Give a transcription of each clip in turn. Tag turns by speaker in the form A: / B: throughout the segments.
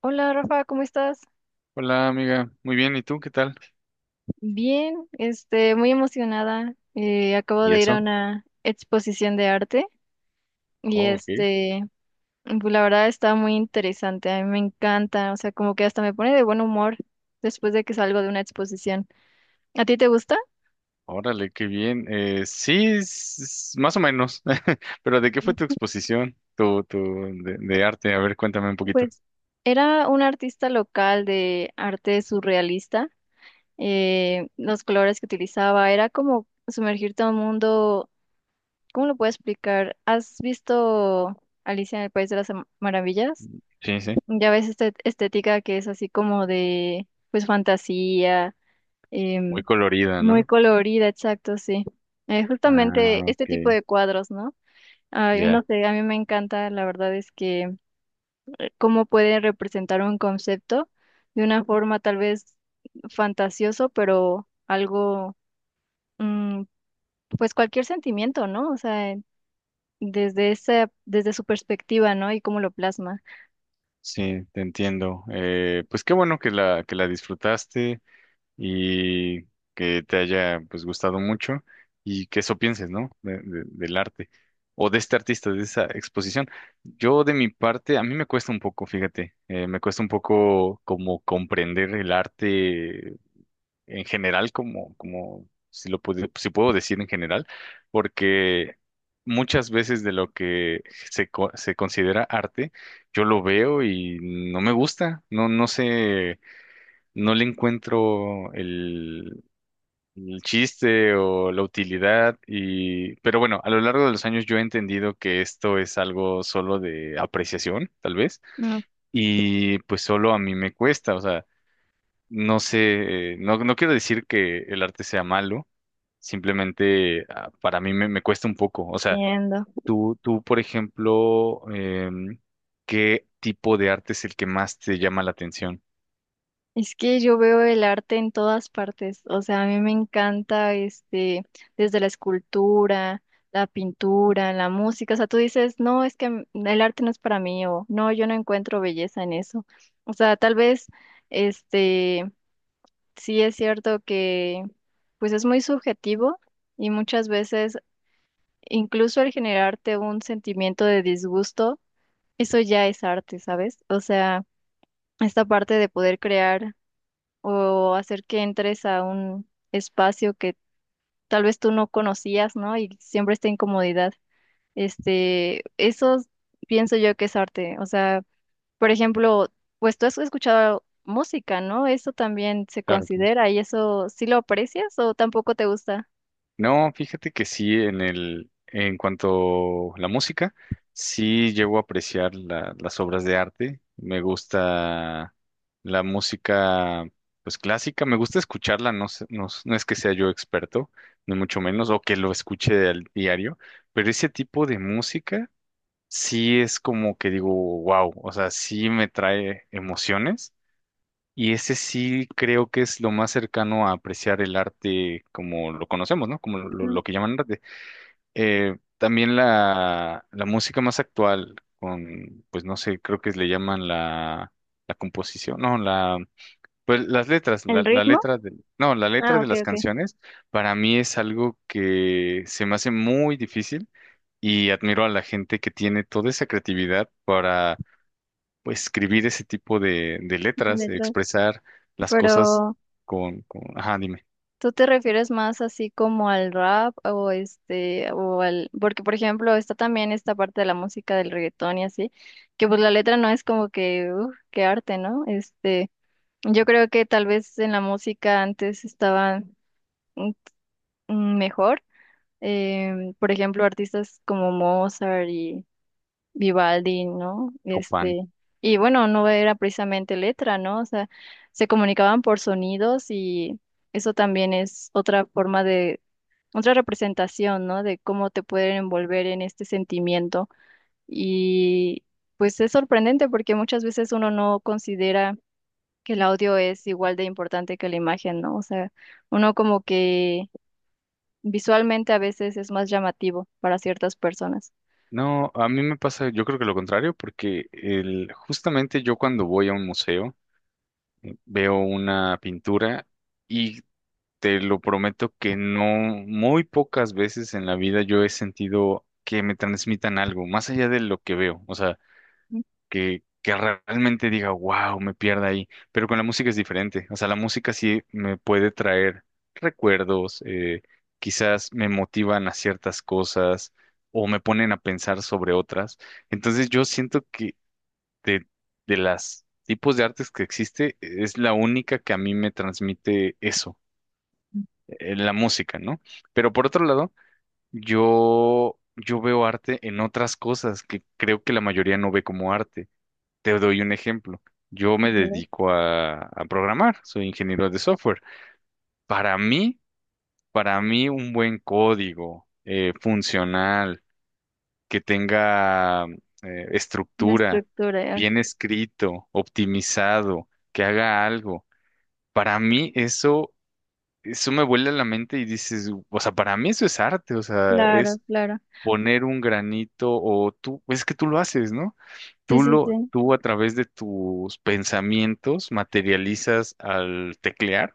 A: Hola Rafa, ¿cómo estás?
B: Hola amiga, muy bien, ¿y tú qué tal?
A: Bien, este, muy emocionada. Acabo
B: ¿Y
A: de ir a
B: eso?
A: una exposición de arte y
B: Oh, ok,
A: pues, la verdad está muy interesante. A mí me encanta, o sea, como que hasta me pone de buen humor después de que salgo de una exposición. ¿A ti te gusta?
B: órale, qué bien. Sí, es más o menos, pero ¿de qué fue tu exposición, de arte? A ver, cuéntame un poquito.
A: Pues era un artista local de arte surrealista. Los colores que utilizaba era como sumergirte a un mundo. ¿Cómo lo puedo explicar? ¿Has visto Alicia en el País de las Maravillas?
B: Sí, sí,
A: Ya ves esta estética que es así como de, pues, fantasía, em,
B: muy colorida,
A: muy
B: ¿no?
A: colorida, exacto, sí.
B: Ah,
A: Justamente este
B: ok,
A: tipo de cuadros, ¿no? Ay, no
B: ya.
A: sé, a mí me encanta, la verdad es que cómo puede representar un concepto de una forma tal vez fantasioso, pero algo, mm, pues cualquier sentimiento, ¿no? O sea, desde su perspectiva, ¿no? Y cómo lo plasma.
B: Sí, te entiendo. Pues qué bueno que que la disfrutaste, y que te haya pues gustado mucho, y que eso pienses, ¿no? Del arte o de este artista, de esa exposición. Yo de mi parte, a mí me cuesta un poco, fíjate, me cuesta un poco como comprender el arte en general, como, como si lo puedo, si puedo decir en general, porque muchas veces de lo que se considera arte, yo lo veo y no me gusta, no, no sé, no le encuentro el chiste o la utilidad, y pero bueno, a lo largo de los años yo he entendido que esto es algo solo de apreciación, tal vez,
A: No
B: y pues solo a mí me cuesta, o sea, no sé, no, no quiero decir que el arte sea malo, simplemente para mí me cuesta un poco, o sea,
A: entiendo.
B: tú, por ejemplo, em, ¿qué tipo de arte es el que más te llama la atención?
A: Es que yo veo el arte en todas partes, o sea, a mí me encanta desde la escultura, la pintura, la música, o sea, tú dices, no, es que el arte no es para mí, o no, yo no encuentro belleza en eso. O sea, tal vez, este, sí es cierto que, pues es muy subjetivo y muchas veces, incluso el generarte un sentimiento de disgusto, eso ya es arte, ¿sabes? O sea, esta parte de poder crear o hacer que entres a un espacio que tal vez tú no conocías, ¿no? Y siempre esta incomodidad. Eso pienso yo que es arte. O sea, por ejemplo, pues tú has escuchado música, ¿no? Eso también se
B: Claro.
A: considera y eso sí lo aprecias o tampoco te gusta.
B: No, fíjate que sí, en el, en cuanto a la música, sí llego a apreciar las obras de arte. Me gusta la música, pues clásica, me gusta escucharla, no, no, no es que sea yo experto, ni mucho menos, o que lo escuche al diario, pero ese tipo de música sí es como que digo, wow, o sea, sí me trae emociones, y ese sí creo que es lo más cercano a apreciar el arte como lo conocemos, ¿no? Como
A: Ujú.
B: lo que llaman arte. También la música más actual, con, pues no sé, creo que le llaman la composición, no, la, pues las letras,
A: ¿El
B: la
A: ritmo?
B: letra de, no, la letra
A: Ah,
B: de
A: ok,
B: las
A: ok.
B: canciones, para mí es algo que se me hace muy difícil, y admiro a la gente que tiene toda esa creatividad para pues, escribir ese tipo de
A: De
B: letras, de
A: letras.
B: expresar las cosas
A: Pero
B: con, ajá, dime,
A: ¿tú te refieres más así como al rap o este o al porque por ejemplo está también esta parte de la música del reggaetón y así, que pues la letra no es como que uf, qué arte, ¿no? Yo creo que tal vez en la música antes estaban mm, mejor, por ejemplo, artistas como Mozart y Vivaldi, ¿no?
B: Copán.
A: Y bueno, no era precisamente letra, ¿no? O sea, se comunicaban por sonidos y eso también es otra forma de otra representación, ¿no? De cómo te pueden envolver en este sentimiento. Y pues es sorprendente porque muchas veces uno no considera que el audio es igual de importante que la imagen, ¿no? O sea, uno como que visualmente a veces es más llamativo para ciertas personas.
B: No, a mí me pasa, yo creo que lo contrario, porque el, justamente yo cuando voy a un museo veo una pintura y te lo prometo que no, muy pocas veces en la vida yo he sentido que me transmitan algo, más allá de lo que veo. O sea,
A: A
B: que realmente diga, wow, me pierda ahí. Pero con la música es diferente. O sea, la música sí me puede traer recuerdos, quizás me motivan a ciertas cosas o me ponen a pensar sobre otras. Entonces yo siento que de, de las tipos de artes que existe, es la única que a mí me transmite eso, la música, ¿no? Pero por otro lado, yo veo arte en otras cosas que creo que la mayoría no ve como arte. Te doy un ejemplo. Yo me dedico a programar, soy ingeniero de software. Para mí, para mí un buen código funcional, que tenga
A: la
B: estructura,
A: estructura, ah,
B: bien escrito, optimizado, que haga algo. Para mí eso, eso me vuela la mente y dices, o sea, para mí eso es arte, o sea,
A: claro,
B: es
A: claro.
B: poner un granito o tú, es que tú lo haces, ¿no?
A: Sí, sí, sí.
B: Tú a través de tus pensamientos materializas al teclear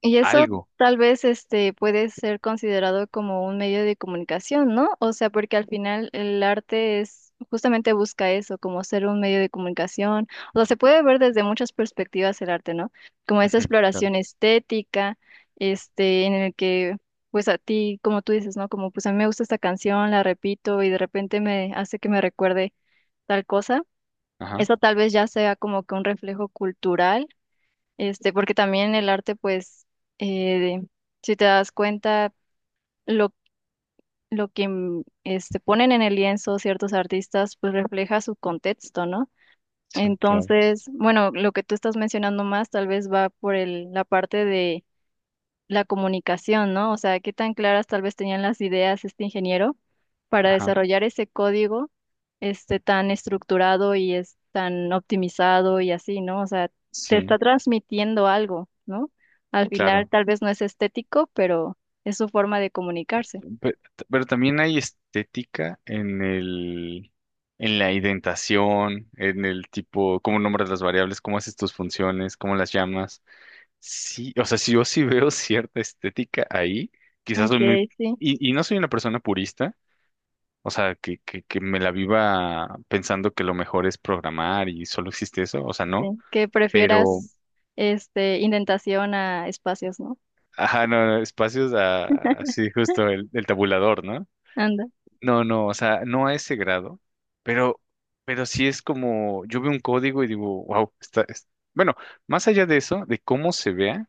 A: Y eso
B: algo.
A: tal vez puede ser considerado como un medio de comunicación, ¿no? O sea, porque al final el arte es justamente busca eso, como ser un medio de comunicación. O sea, se puede ver desde muchas perspectivas el arte, ¿no? Como esa
B: Ujú, claro.
A: exploración estética, en el que pues a ti, como tú dices, ¿no? Como pues a mí me gusta esta canción, la repito y de repente me hace que me recuerde tal cosa.
B: Ajá,
A: Eso tal vez ya sea como que un reflejo cultural porque también el arte, pues, eh, de- si te das cuenta, lo, lo que ponen en el lienzo ciertos artistas, pues refleja su contexto, ¿no?
B: sí, claro.
A: Entonces, bueno, lo que tú estás mencionando más tal vez va por la parte la comunicación, ¿no? O sea, qué tan claras tal vez tenían las ideas este ingeniero para
B: Ajá,
A: desarrollar ese código tan estructurado y es tan optimizado y así, ¿no? O sea, te
B: sí,
A: está transmitiendo algo, ¿no? Al final
B: claro.
A: tal vez no es estético, pero es su forma de comunicarse.
B: Pe- Pero, también hay estética en el, en la indentación, en el tipo, cómo nombras las variables, cómo haces tus funciones, cómo las llamas. Sí, o sea, si yo sí veo cierta estética ahí, quizás soy muy,
A: Okay, sí,
B: y no soy una persona purista. O sea, que me la viva pensando que lo mejor es programar y solo existe eso, o sea, no,
A: sí. Que
B: pero,
A: prefieras indentación a espacios, ¿no?
B: ajá, no, no, espacios así justo el tabulador, ¿no?
A: Anda.
B: No, no, o sea, no a ese grado, pero, pero sí es como, yo veo un código y digo, wow, está, es-". Bueno, más allá de eso, de cómo se vea,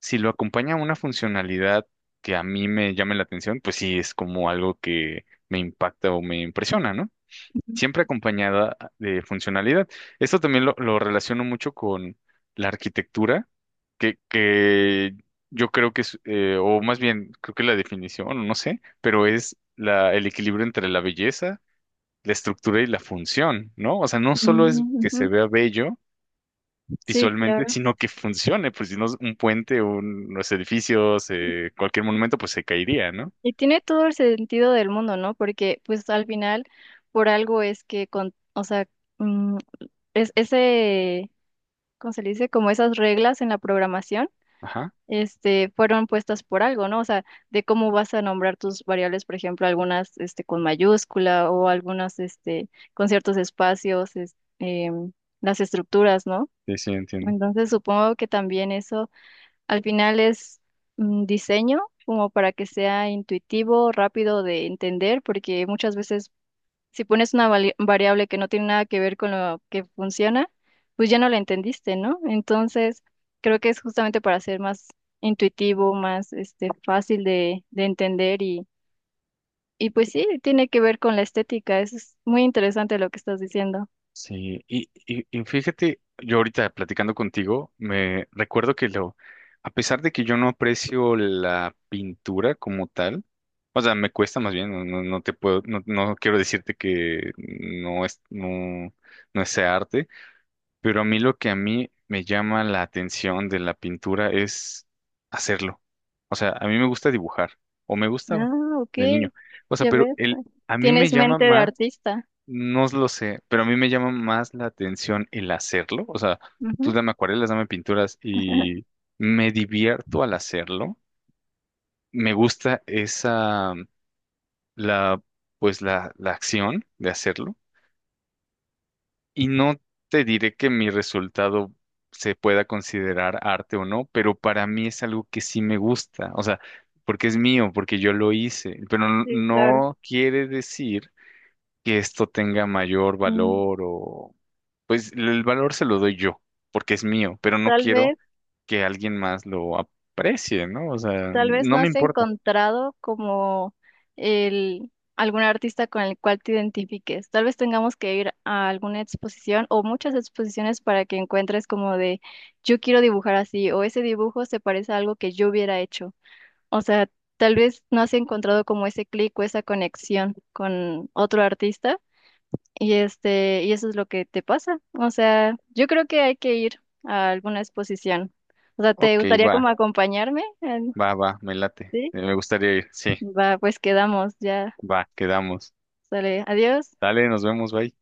B: si lo acompaña una funcionalidad que a mí me llame la atención, pues sí es como algo que me impacta o me impresiona, ¿no?
A: Ujú.
B: Siempre acompañada de funcionalidad. Esto también lo relaciono mucho con la arquitectura, que yo creo que es, o más bien, creo que la definición, no sé, pero es la, el equilibrio entre la belleza, la estructura y la función, ¿no? O sea, no solo es
A: Mm,
B: que se
A: ujú.
B: vea bello
A: Sí,
B: visualmente,
A: claro.
B: sino que funcione, pues si no un puente, unos edificios, cualquier monumento, pues se caería, ¿no?
A: Y tiene todo el sentido del mundo, ¿no? Porque pues al final por algo es que o sea, mm, es ese, ¿cómo se le dice? Como esas reglas en la programación,
B: Ajá,
A: fueron puestas por algo, ¿no? O sea, de cómo vas a nombrar tus variables, por ejemplo, algunas, con mayúscula o algunas, con ciertos espacios, las estructuras, ¿no?
B: sí, sí, entiendo.
A: Entonces supongo que también eso al final es diseño como para que sea intuitivo, rápido de entender, porque muchas veces si pones una variable que no tiene nada que ver con lo que funciona, pues ya no la entendiste, ¿no? Entonces, creo que es justamente para ser más intuitivo, más fácil de entender y pues sí, tiene que ver con la estética. Eso es muy interesante lo que estás diciendo.
B: Sí, y fíjate, yo ahorita platicando contigo, me recuerdo que lo, a pesar de que yo no aprecio la pintura como tal, o sea, me cuesta más bien, no, no, no te puedo, no, no quiero decirte que no es, no, no es arte, pero a mí lo que a mí me llama la atención de la pintura es hacerlo. O sea, a mí me gusta dibujar, o me
A: Ah,
B: gustaba
A: ok,
B: de niño. O sea,
A: ya
B: pero
A: ves.
B: el,
A: Pues,
B: a mí me
A: tienes
B: llama
A: mente de
B: más,
A: artista.
B: no lo sé, pero a mí me llama más la atención el hacerlo. O sea, tú
A: Ujú,
B: dame acuarelas, dame pinturas y me divierto al hacerlo. Me gusta esa, la, pues la acción de hacerlo. Y no te diré que mi resultado se pueda considerar arte o no, pero para mí es algo que sí me gusta. O sea, porque es mío, porque yo lo hice, pero no
A: sí, claro.
B: no quiere decir que esto tenga mayor valor o... Pues el valor se lo doy yo, porque es mío, pero no
A: Tal
B: quiero
A: vez,
B: que alguien más lo aprecie, ¿no? O sea,
A: tal vez
B: no
A: no
B: me
A: has
B: importa.
A: encontrado como algún artista con el cual te identifiques. Tal vez tengamos que ir a alguna exposición o muchas exposiciones para que encuentres como de yo quiero dibujar así o ese dibujo se parece a algo que yo hubiera hecho. O sea, tal vez no has encontrado como ese clic o esa conexión con otro artista y y eso es lo que te pasa. O sea, yo creo que hay que ir a alguna exposición. O sea, ¿te
B: Ok,
A: gustaría como
B: va,
A: acompañarme?
B: va, va, me late.
A: Sí,
B: Me gustaría ir, sí,
A: va, pues quedamos, ya,
B: va, quedamos.
A: sale, adiós.
B: Dale, nos vemos, bye.